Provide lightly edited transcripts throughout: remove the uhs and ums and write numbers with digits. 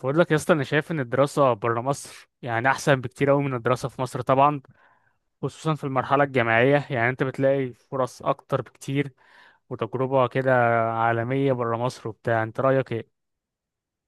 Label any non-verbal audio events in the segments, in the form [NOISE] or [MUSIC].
بقول لك يا اسطى، انا شايف ان الدراسه بره مصر يعني احسن بكتير قوي من الدراسه في مصر طبعا. خصوصا في المرحله الجامعيه، يعني انت بتلاقي فرص اكتر بكتير وتجربه كده عالميه بره مصر وبتاع. انت رايك ايه؟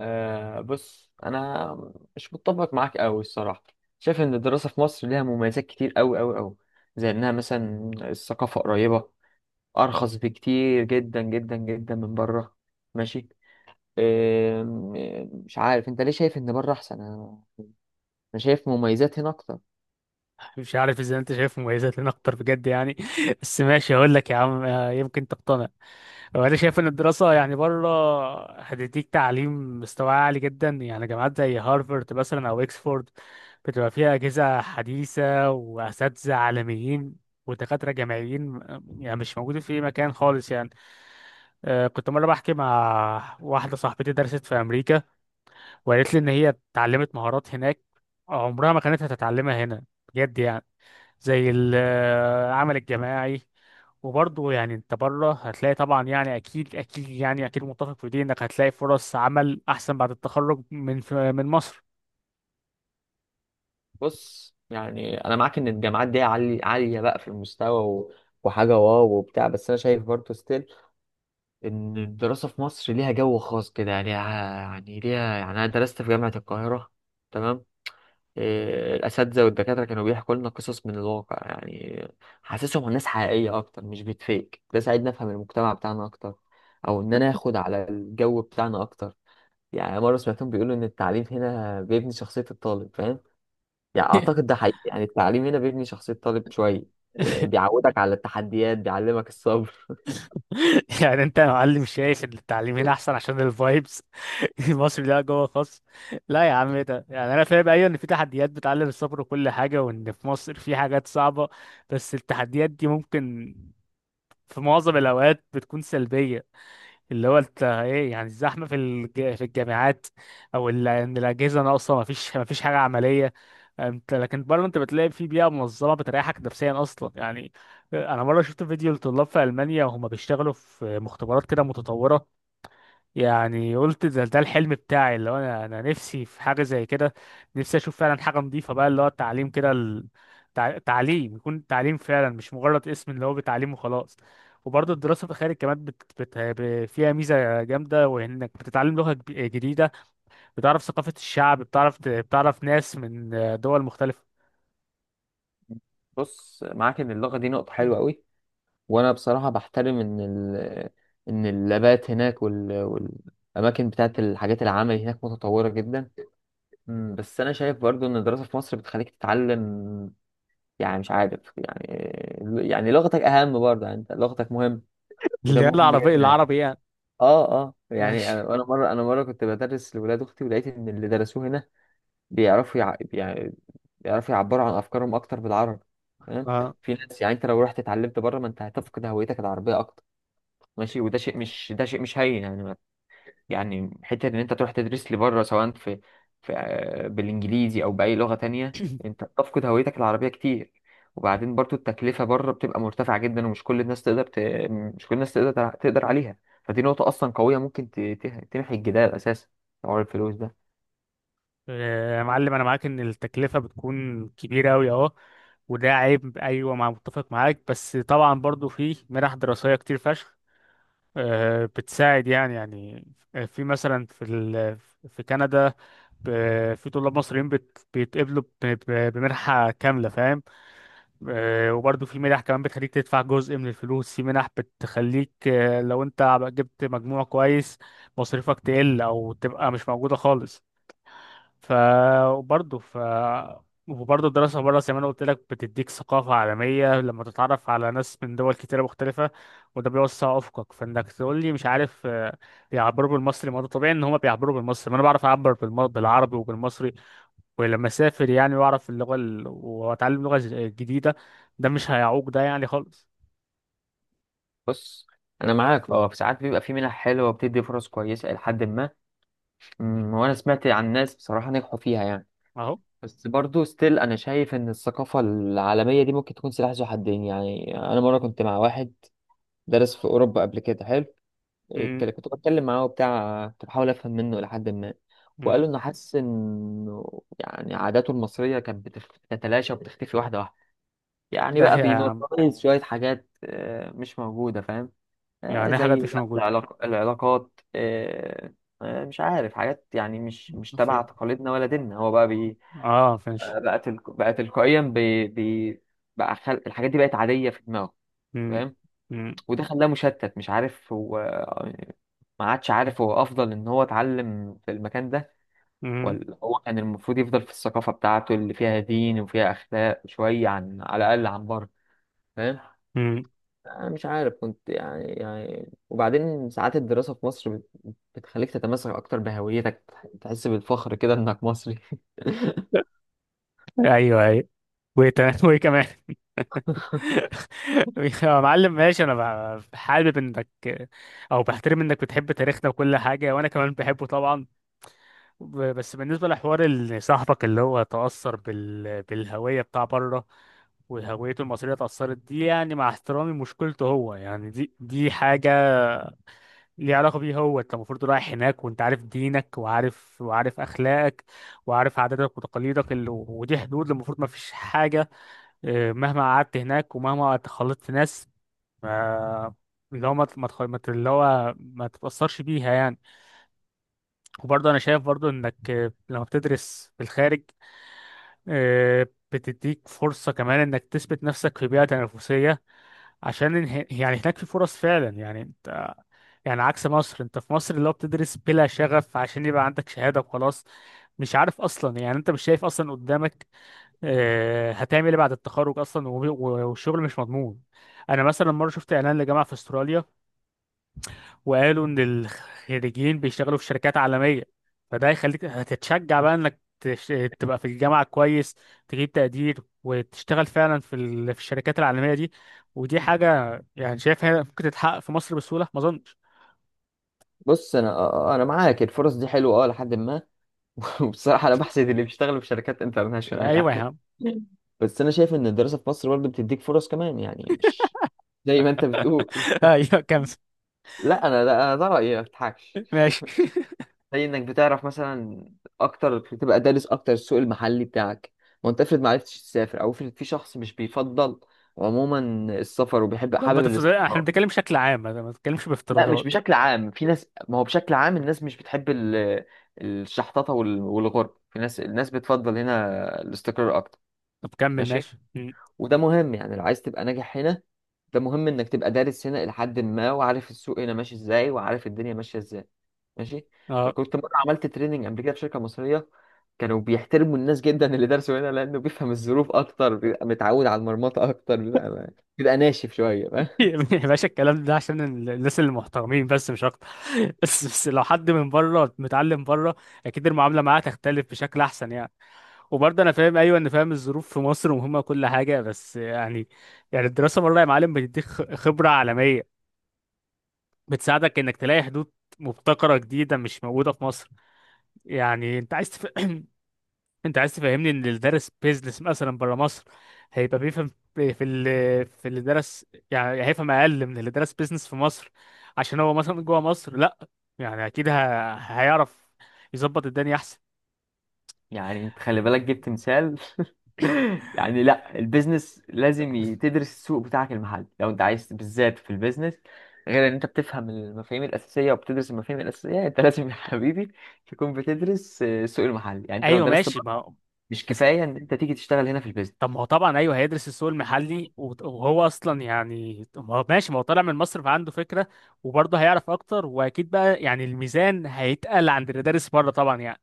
آه، بص انا مش متفق معاك قوي الصراحه. شايف ان الدراسه في مصر ليها مميزات كتير قوي قوي قوي، زي انها مثلا الثقافه قريبه، ارخص بكتير جدا جدا جدا من بره. ماشي. آم، آم، مش عارف انت ليه شايف ان بره احسن. انا شايف مميزات هنا اكتر. مش عارف اذا انت شايف مميزات لنا اكتر بجد يعني. [LAUGHS] بس ماشي، هقول لك يا عم، يمكن تقتنع. هو انا شايف ان الدراسه يعني بره هتديك تعليم مستوى عالي جدا، يعني جامعات زي هارفارد مثلا او اكسفورد بتبقى فيها اجهزه حديثه واساتذه عالميين ودكاتره جامعيين يعني مش موجودين في اي مكان خالص يعني. كنت مره بحكي مع واحده صاحبتي درست في امريكا، وقالت لي ان هي اتعلمت مهارات هناك عمرها ما كانت هتتعلمها هنا بجد يعني، زي العمل الجماعي. وبرضه يعني انت بره هتلاقي طبعا، يعني اكيد يعني اكيد متفق في دي انك هتلاقي فرص عمل احسن بعد التخرج من مصر. بص يعني انا معاك ان الجامعات دي عاليه بقى في المستوى وحاجه واو وبتاع، بس انا شايف برضه ستيل ان الدراسه في مصر ليها جو خاص كده، يعني ليها، يعني انا درست في جامعه القاهره. تمام. إيه، الاساتذه والدكاتره كانوا بيحكوا لنا قصص من الواقع، يعني حاسسهم عن ناس حقيقيه اكتر مش بتفيك. ده ساعدني افهم المجتمع بتاعنا اكتر، او ان انا اخد على الجو بتاعنا اكتر. يعني مره سمعتهم بيقولوا ان التعليم هنا بيبني شخصيه الطالب، فاهم؟ يعني اعتقد ده حقيقي، يعني التعليم هنا بيبني شخصيه الطالب شويه. إيه، [LAUGHS] بيعودك على التحديات، بيعلمك الصبر. يعني انت يا معلم شايف ان التعليم هنا احسن عشان الفايبس [LAUGHS] المصري ده جوه [LAUGHS] خاص. لا يا عم، ايه ده؟ يعني انا فاهم، ايوه، ان في تحديات بتعلم الصبر وكل حاجه، وان في مصر في حاجات صعبه، بس التحديات دي ممكن في معظم الاوقات بتكون سلبيه. اللي هو انت ايه يعني الزحمه في في الجامعات، او ان الاجهزه ناقصه، ما فيش حاجه عمليه. انت لكن بره انت بتلاقي في بيئه منظمه بتريحك نفسيا اصلا يعني. انا مره شفت فيديو لطلاب في المانيا وهم بيشتغلوا في مختبرات كده متطوره، يعني قلت ده الحلم بتاعي، اللي هو انا نفسي في حاجه زي كده. نفسي اشوف فعلا حاجه نظيفه بقى، اللي هو التعليم كده تعليم يكون تعليم فعلا مش مجرد اسم اللي هو بتعليم وخلاص. وبرضه الدراسه في الخارج كمان فيها ميزه جامده، وانك بتتعلم لغه جديده، بتعرف ثقافه الشعب، بتعرف بتعرف ناس من دول مختلفه. [LAUGHS] بص، معاك ان اللغه دي نقطه حلوه قوي، وانا بصراحه بحترم ان ان اللابات هناك والاماكن بتاعت الحاجات العمل هناك متطوره جدا. بس انا شايف برضو ان الدراسه في مصر بتخليك تتعلم، يعني مش عارف، يعني لغتك اهم برضه، يعني انت لغتك مهم. وده اللي هي مهم العربية، جدا يعني. العربي يعني. اه، اه، يعني ماشي. انا مره كنت بدرس لولاد اختي، ولقيت ان اللي درسوه هنا بيعرفوا يع... يعني بيعرفوا يعبروا عن افكارهم اكتر بالعربي. تمام. اه، في ناس، يعني انت لو رحت اتعلمت بره، ما انت هتفقد هويتك العربيه اكتر. ماشي، وده شيء مش ده شيء مش هين يعني. يعني حته ان انت تروح تدرس لي بره، سواء في بالانجليزي او باي لغه تانية، انت بتفقد هويتك العربيه كتير. وبعدين برضو التكلفه بره بتبقى مرتفعه جدا، ومش كل الناس تقدر تقدر عليها. فدي نقطه اصلا قويه ممكن تمحي الجدال اساسا، حوار الفلوس ده. يا معلم انا معاك ان التكلفه بتكون كبيره قوي اهو، وده عيب، ايوه، مع متفق معاك، بس طبعا برضو في منح دراسيه كتير فشخ بتساعد يعني يعني. في مثلا في في كندا، في طلاب مصريين بت... بيتقبلوا ب... ب- بمنحه كامله فاهم. وبرضو في منح كمان بتخليك تدفع جزء من الفلوس، في منح بتخليك، لو انت جبت مجموع كويس، مصاريفك تقل او تبقى مش موجوده خالص. ف وبرضه ف وبرضه الدراسة بره زي ما أنا قلت لك بتديك ثقافة عالمية لما تتعرف على ناس من دول كتيرة مختلفة، وده بيوسع أفقك. فإنك تقول لي مش عارف، بيعبروا بالمصري، ما ده طبيعي إن هما بيعبروا بالمصري، ما أنا بعرف أعبر بالعربي وبالمصري. ولما أسافر يعني وأعرف اللغة وأتعلم لغة جديدة، ده مش هيعوق ده يعني خالص. بص انا معاك، اه، ساعات بيبقى في منح حلوه وبتدي فرص كويسه الى حد ما. وانا سمعت عن ناس بصراحه نجحوا فيها يعني. أهو. بس برضو ستيل انا شايف ان الثقافة العالمية دي ممكن تكون سلاح ذو حدين. يعني انا مرة كنت مع واحد درس في اوروبا قبل كده، حلو. م- كنت بتكلم معاه وبتاع، كنت بحاول افهم منه لحد ما، م. وقال له انه حاسس انه يعني عاداته المصرية كانت بتتلاشى وبتختفي واحدة واحدة. يعني ده بقى هي. بينورماليز شوية حاجات مش موجودة، فاهم؟ يعني زي حاجات مش بقى موجودة. العلاقات، مش عارف، حاجات يعني مش في... تبع تقاليدنا ولا ديننا. هو بقى آه فنش. بقت تلك... بقى تلقائيا بي... بي... بقى خل... الحاجات دي بقت عادية في دماغه، م- فاهم؟ م- وده خلاه مشتت، مش عارف هو، يعني ما عادش عارف هو أفضل إن هو اتعلم في المكان ده، م- ولا هو كان المفروض يفضل في الثقافة بتاعته اللي فيها دين وفيها أخلاق شوية عن على الأقل عن بره، فاهم؟ م. أنا مش عارف، كنت يعني وبعدين ساعات الدراسة في مصر بتخليك تتمسك أكتر بهويتك، تحس بالفخر كده إنك مصري. [LAUGHS] ايوه ايوه. وايه، تمام. وايه كمان؟ [LAUGHS] يا معلم ماشي، انا حابب انك، او بحترم انك بتحب تاريخنا وكل حاجه، وانا كمان بحبه طبعا. بس بالنسبه لحوار صاحبك اللي هو تاثر بالهويه بتاع بره وهويته المصريه اتاثرت دي، يعني مع احترامي مشكلته هو يعني دي حاجه ليها علاقه بيه هو. انت المفروض رايح هناك وانت عارف دينك وعارف اخلاقك وعارف عاداتك وتقاليدك ودي حدود المفروض ما فيش حاجه. إيه، مهما قعدت هناك ومهما اتخلطت في ناس، ما، اللي هو ما ت- ما تخ- ما ت- اللي هو ما تتأثرش بيها يعني. وبرضه أنا شايف برضه إنك، لما بتدرس في الخارج، آه، بتديك فرصة كمان إنك تثبت نفسك في بيئة تنافسية. عشان يعني هناك في فرص فعلا، يعني انت، يعني عكس مصر، انت في مصر اللي هو بتدرس بلا شغف عشان يبقى عندك شهادة وخلاص. مش عارف اصلا، يعني انت مش شايف اصلا قدامك هتعمل ايه بعد التخرج اصلا، والشغل مش مضمون. انا مثلا مره شفت اعلان لجامعه في استراليا، وقالوا ان الخريجين بيشتغلوا في شركات عالميه. فده هيخليك هتتشجع بقى انك تبقى في الجامعه كويس، تجيب تقدير، وتشتغل فعلا في في الشركات العالميه دي. ودي حاجه يعني شايف هي ممكن تتحقق في مصر بسهوله، ما اظنش. بص انا آه، آه، انا معاك، الفرص دي حلوه اه لحد ما. [LAUGHS] وبصراحه انا بحسد اللي بيشتغلوا في شركات انترناشونال [LAUGHS] ايوه يا يعني. عم. بس انا شايف ان الدراسه في مصر برضه بتديك فرص كمان، يعني مش زي ما انت بتقول. [LAUGHS] ايوه كمل. لا انا ده رايي، ما بضحكش. ماشي. [LAUGHS] زي انك بتعرف مثلا اكتر، بتبقى دارس اكتر السوق المحلي بتاعك، ما انت افرض ما عرفتش تسافر، او افرض في شخص مش بيفضل عموما السفر وبيحب ما حابب تفترض، احنا الاستقرار. بنتكلم بشكل عام، ما بنتكلمش لا، مش بافتراضات. بشكل عام، في ناس، ما هو بشكل عام الناس مش بتحب الشحططة والغرب، في ناس الناس بتفضل هنا الاستقرار اكتر. طب كمل، ماشي. ماشي. م. وده مهم يعني، لو عايز تبقى ناجح هنا، ده مهم انك تبقى دارس هنا الى حد ما، وعارف السوق هنا ماشي ازاي، وعارف الدنيا ماشية ازاي. ماشي. اه. كنت مرة عملت تريننج قبل كده في شركة مصرية، كانوا بيحترموا الناس جدا اللي درسوا هنا، لانه بيفهم الظروف اكتر، بيبقى متعود على المرمطة اكتر، بيبقى ناشف شوية. [LAUGHS] يا باشا، الكلام ده عشان الناس اللي محترمين بس مش اكتر. [LAUGHS] بس لو حد من بره متعلم بره اكيد المعامله معاه تختلف بشكل احسن يعني. وبرضه انا فاهم ايوه ان فاهم الظروف في مصر مهمه كل حاجه، بس يعني، يعني الدراسه بره يا معلم بتديك خبره عالميه، بتساعدك انك تلاقي حدود مبتكره جديده مش موجوده في مصر. يعني انت عايز [CLEARS THROAT] انت عايز تفهمني ان اللي درس بيزنس مثلا بره مصر هيبقى بيفهم في في اللي درس، يعني هيفهم اقل من اللي درس بيزنس في مصر عشان هو مثلا جوه مصر؟ لا، يعني اكيد هيعرف يظبط الدنيا احسن. يعني انت خلي بالك، جبت مثال. [LAUGHS] يعني لا، البيزنس لازم تدرس السوق بتاعك المحل، لو انت عايز بالذات في البيزنس، غير ان انت بتفهم المفاهيم الاساسيه وبتدرس المفاهيم الاساسيه، انت [LAUGHS] لازم يا حبيبي تكون بتدرس السوق المحلي. يعني انت لو ايوه درست ماشي، بره، ما هو- مش بس. كفايه ان انت تيجي تشتغل هنا في طب البيزنس. ما هو طبعا ايوه هيدرس السوق المحلي وهو اصلا يعني ما هو ماشي، ما هو طالع من مصر فعنده فكره، وبرضه هيعرف اكتر، واكيد بقى يعني الميزان هيتقل عند اللي دارس بره طبعا يعني.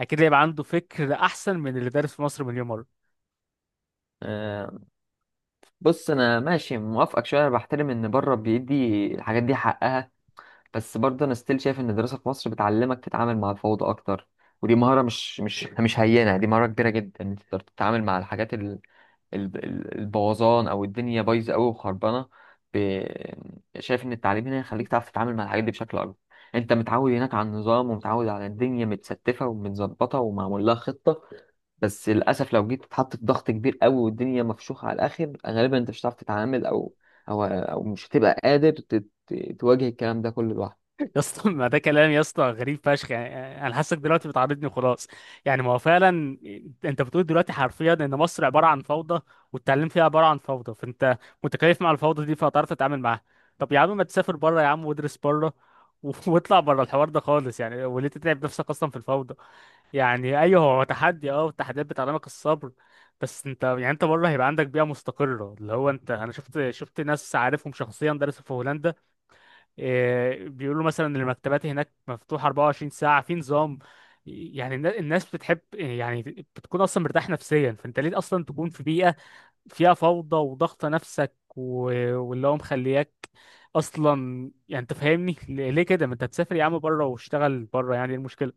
اكيد هيبقى عنده فكر احسن من اللي دارس في مصر مليون مره. آه، بص انا ماشي موافقك شويه، انا بحترم ان بره بيدي الحاجات دي حقها، بس برضه انا ستيل شايف ان الدراسه في مصر بتعلمك تتعامل مع الفوضى اكتر، ودي مهاره مش هينه، دي مهاره كبيره جدا ان انت تقدر تتعامل مع الحاجات البوظان، او الدنيا بايظه قوي وخربانه. ب... شايف ان التعليم هنا يخليك تعرف تتعامل مع الحاجات دي بشكل اكبر. انت متعود هناك على النظام ومتعود على الدنيا متستفه ومتظبطه ومعمول لها خطه، بس للاسف لو جيت تتحط في ضغط كبير قوي والدنيا مفشوخه على الاخر، غالبا انت مش هتعرف تتعامل، او مش هتبقى قادر تواجه الكلام ده كله لوحدك. يا اسطى، ما ده كلام يا اسطى غريب فشخ يعني، انا حاسك دلوقتي بتعاردني وخلاص. يعني ما هو فعلا انت بتقول دلوقتي حرفيا ان مصر عباره عن فوضى، والتعليم فيها عباره عن فوضى، فانت متكيف مع الفوضى دي فهتعرف تتعامل معاها. طب يا عم ما تسافر بره يا عم، وادرس بره، [LAUGHS] واطلع بره الحوار ده خالص يعني. وليه تتعب نفسك اصلا في الفوضى؟ يعني ايوه هو تحدي اه، والتحديات بتعلمك الصبر، بس انت يعني انت بره هيبقى عندك بيئه مستقره. اللي هو انت، انا شفت، شفت ناس عارفهم شخصيا درسوا في هولندا، إيه، بيقولوا مثلا إن المكتبات هناك مفتوحة 24 ساعة في نظام. يعني الناس بتحب يعني بتكون اصلا مرتاح نفسيا. فانت ليه اصلا تكون في بيئة فيها فوضى وضغط نفسك واللي هو مخلياك اصلا يعني؟ انت فاهمني ليه، ليه كده؟ ما انت تسافر يا عم بره واشتغل بره، يعني ايه المشكلة؟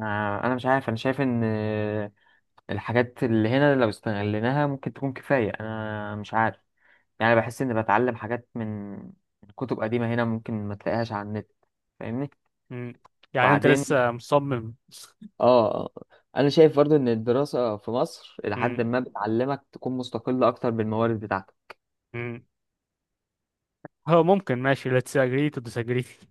انا مش عارف، انا شايف ان الحاجات اللي هنا لو استغليناها ممكن تكون كفاية. انا مش عارف، يعني بحس اني بتعلم حاجات من كتب قديمة هنا، ممكن ما تلاقيهاش على النت، فاهمني. مم. يعني انت وبعدين لسه مصمم؟ اه آه، انا شايف برضو ان الدراسة في مصر الى حد مم. ما بتعلمك تكون مستقلة اكتر بالموارد بتاعتك. مم. هو ممكن، ماشي، let's agree to disagree.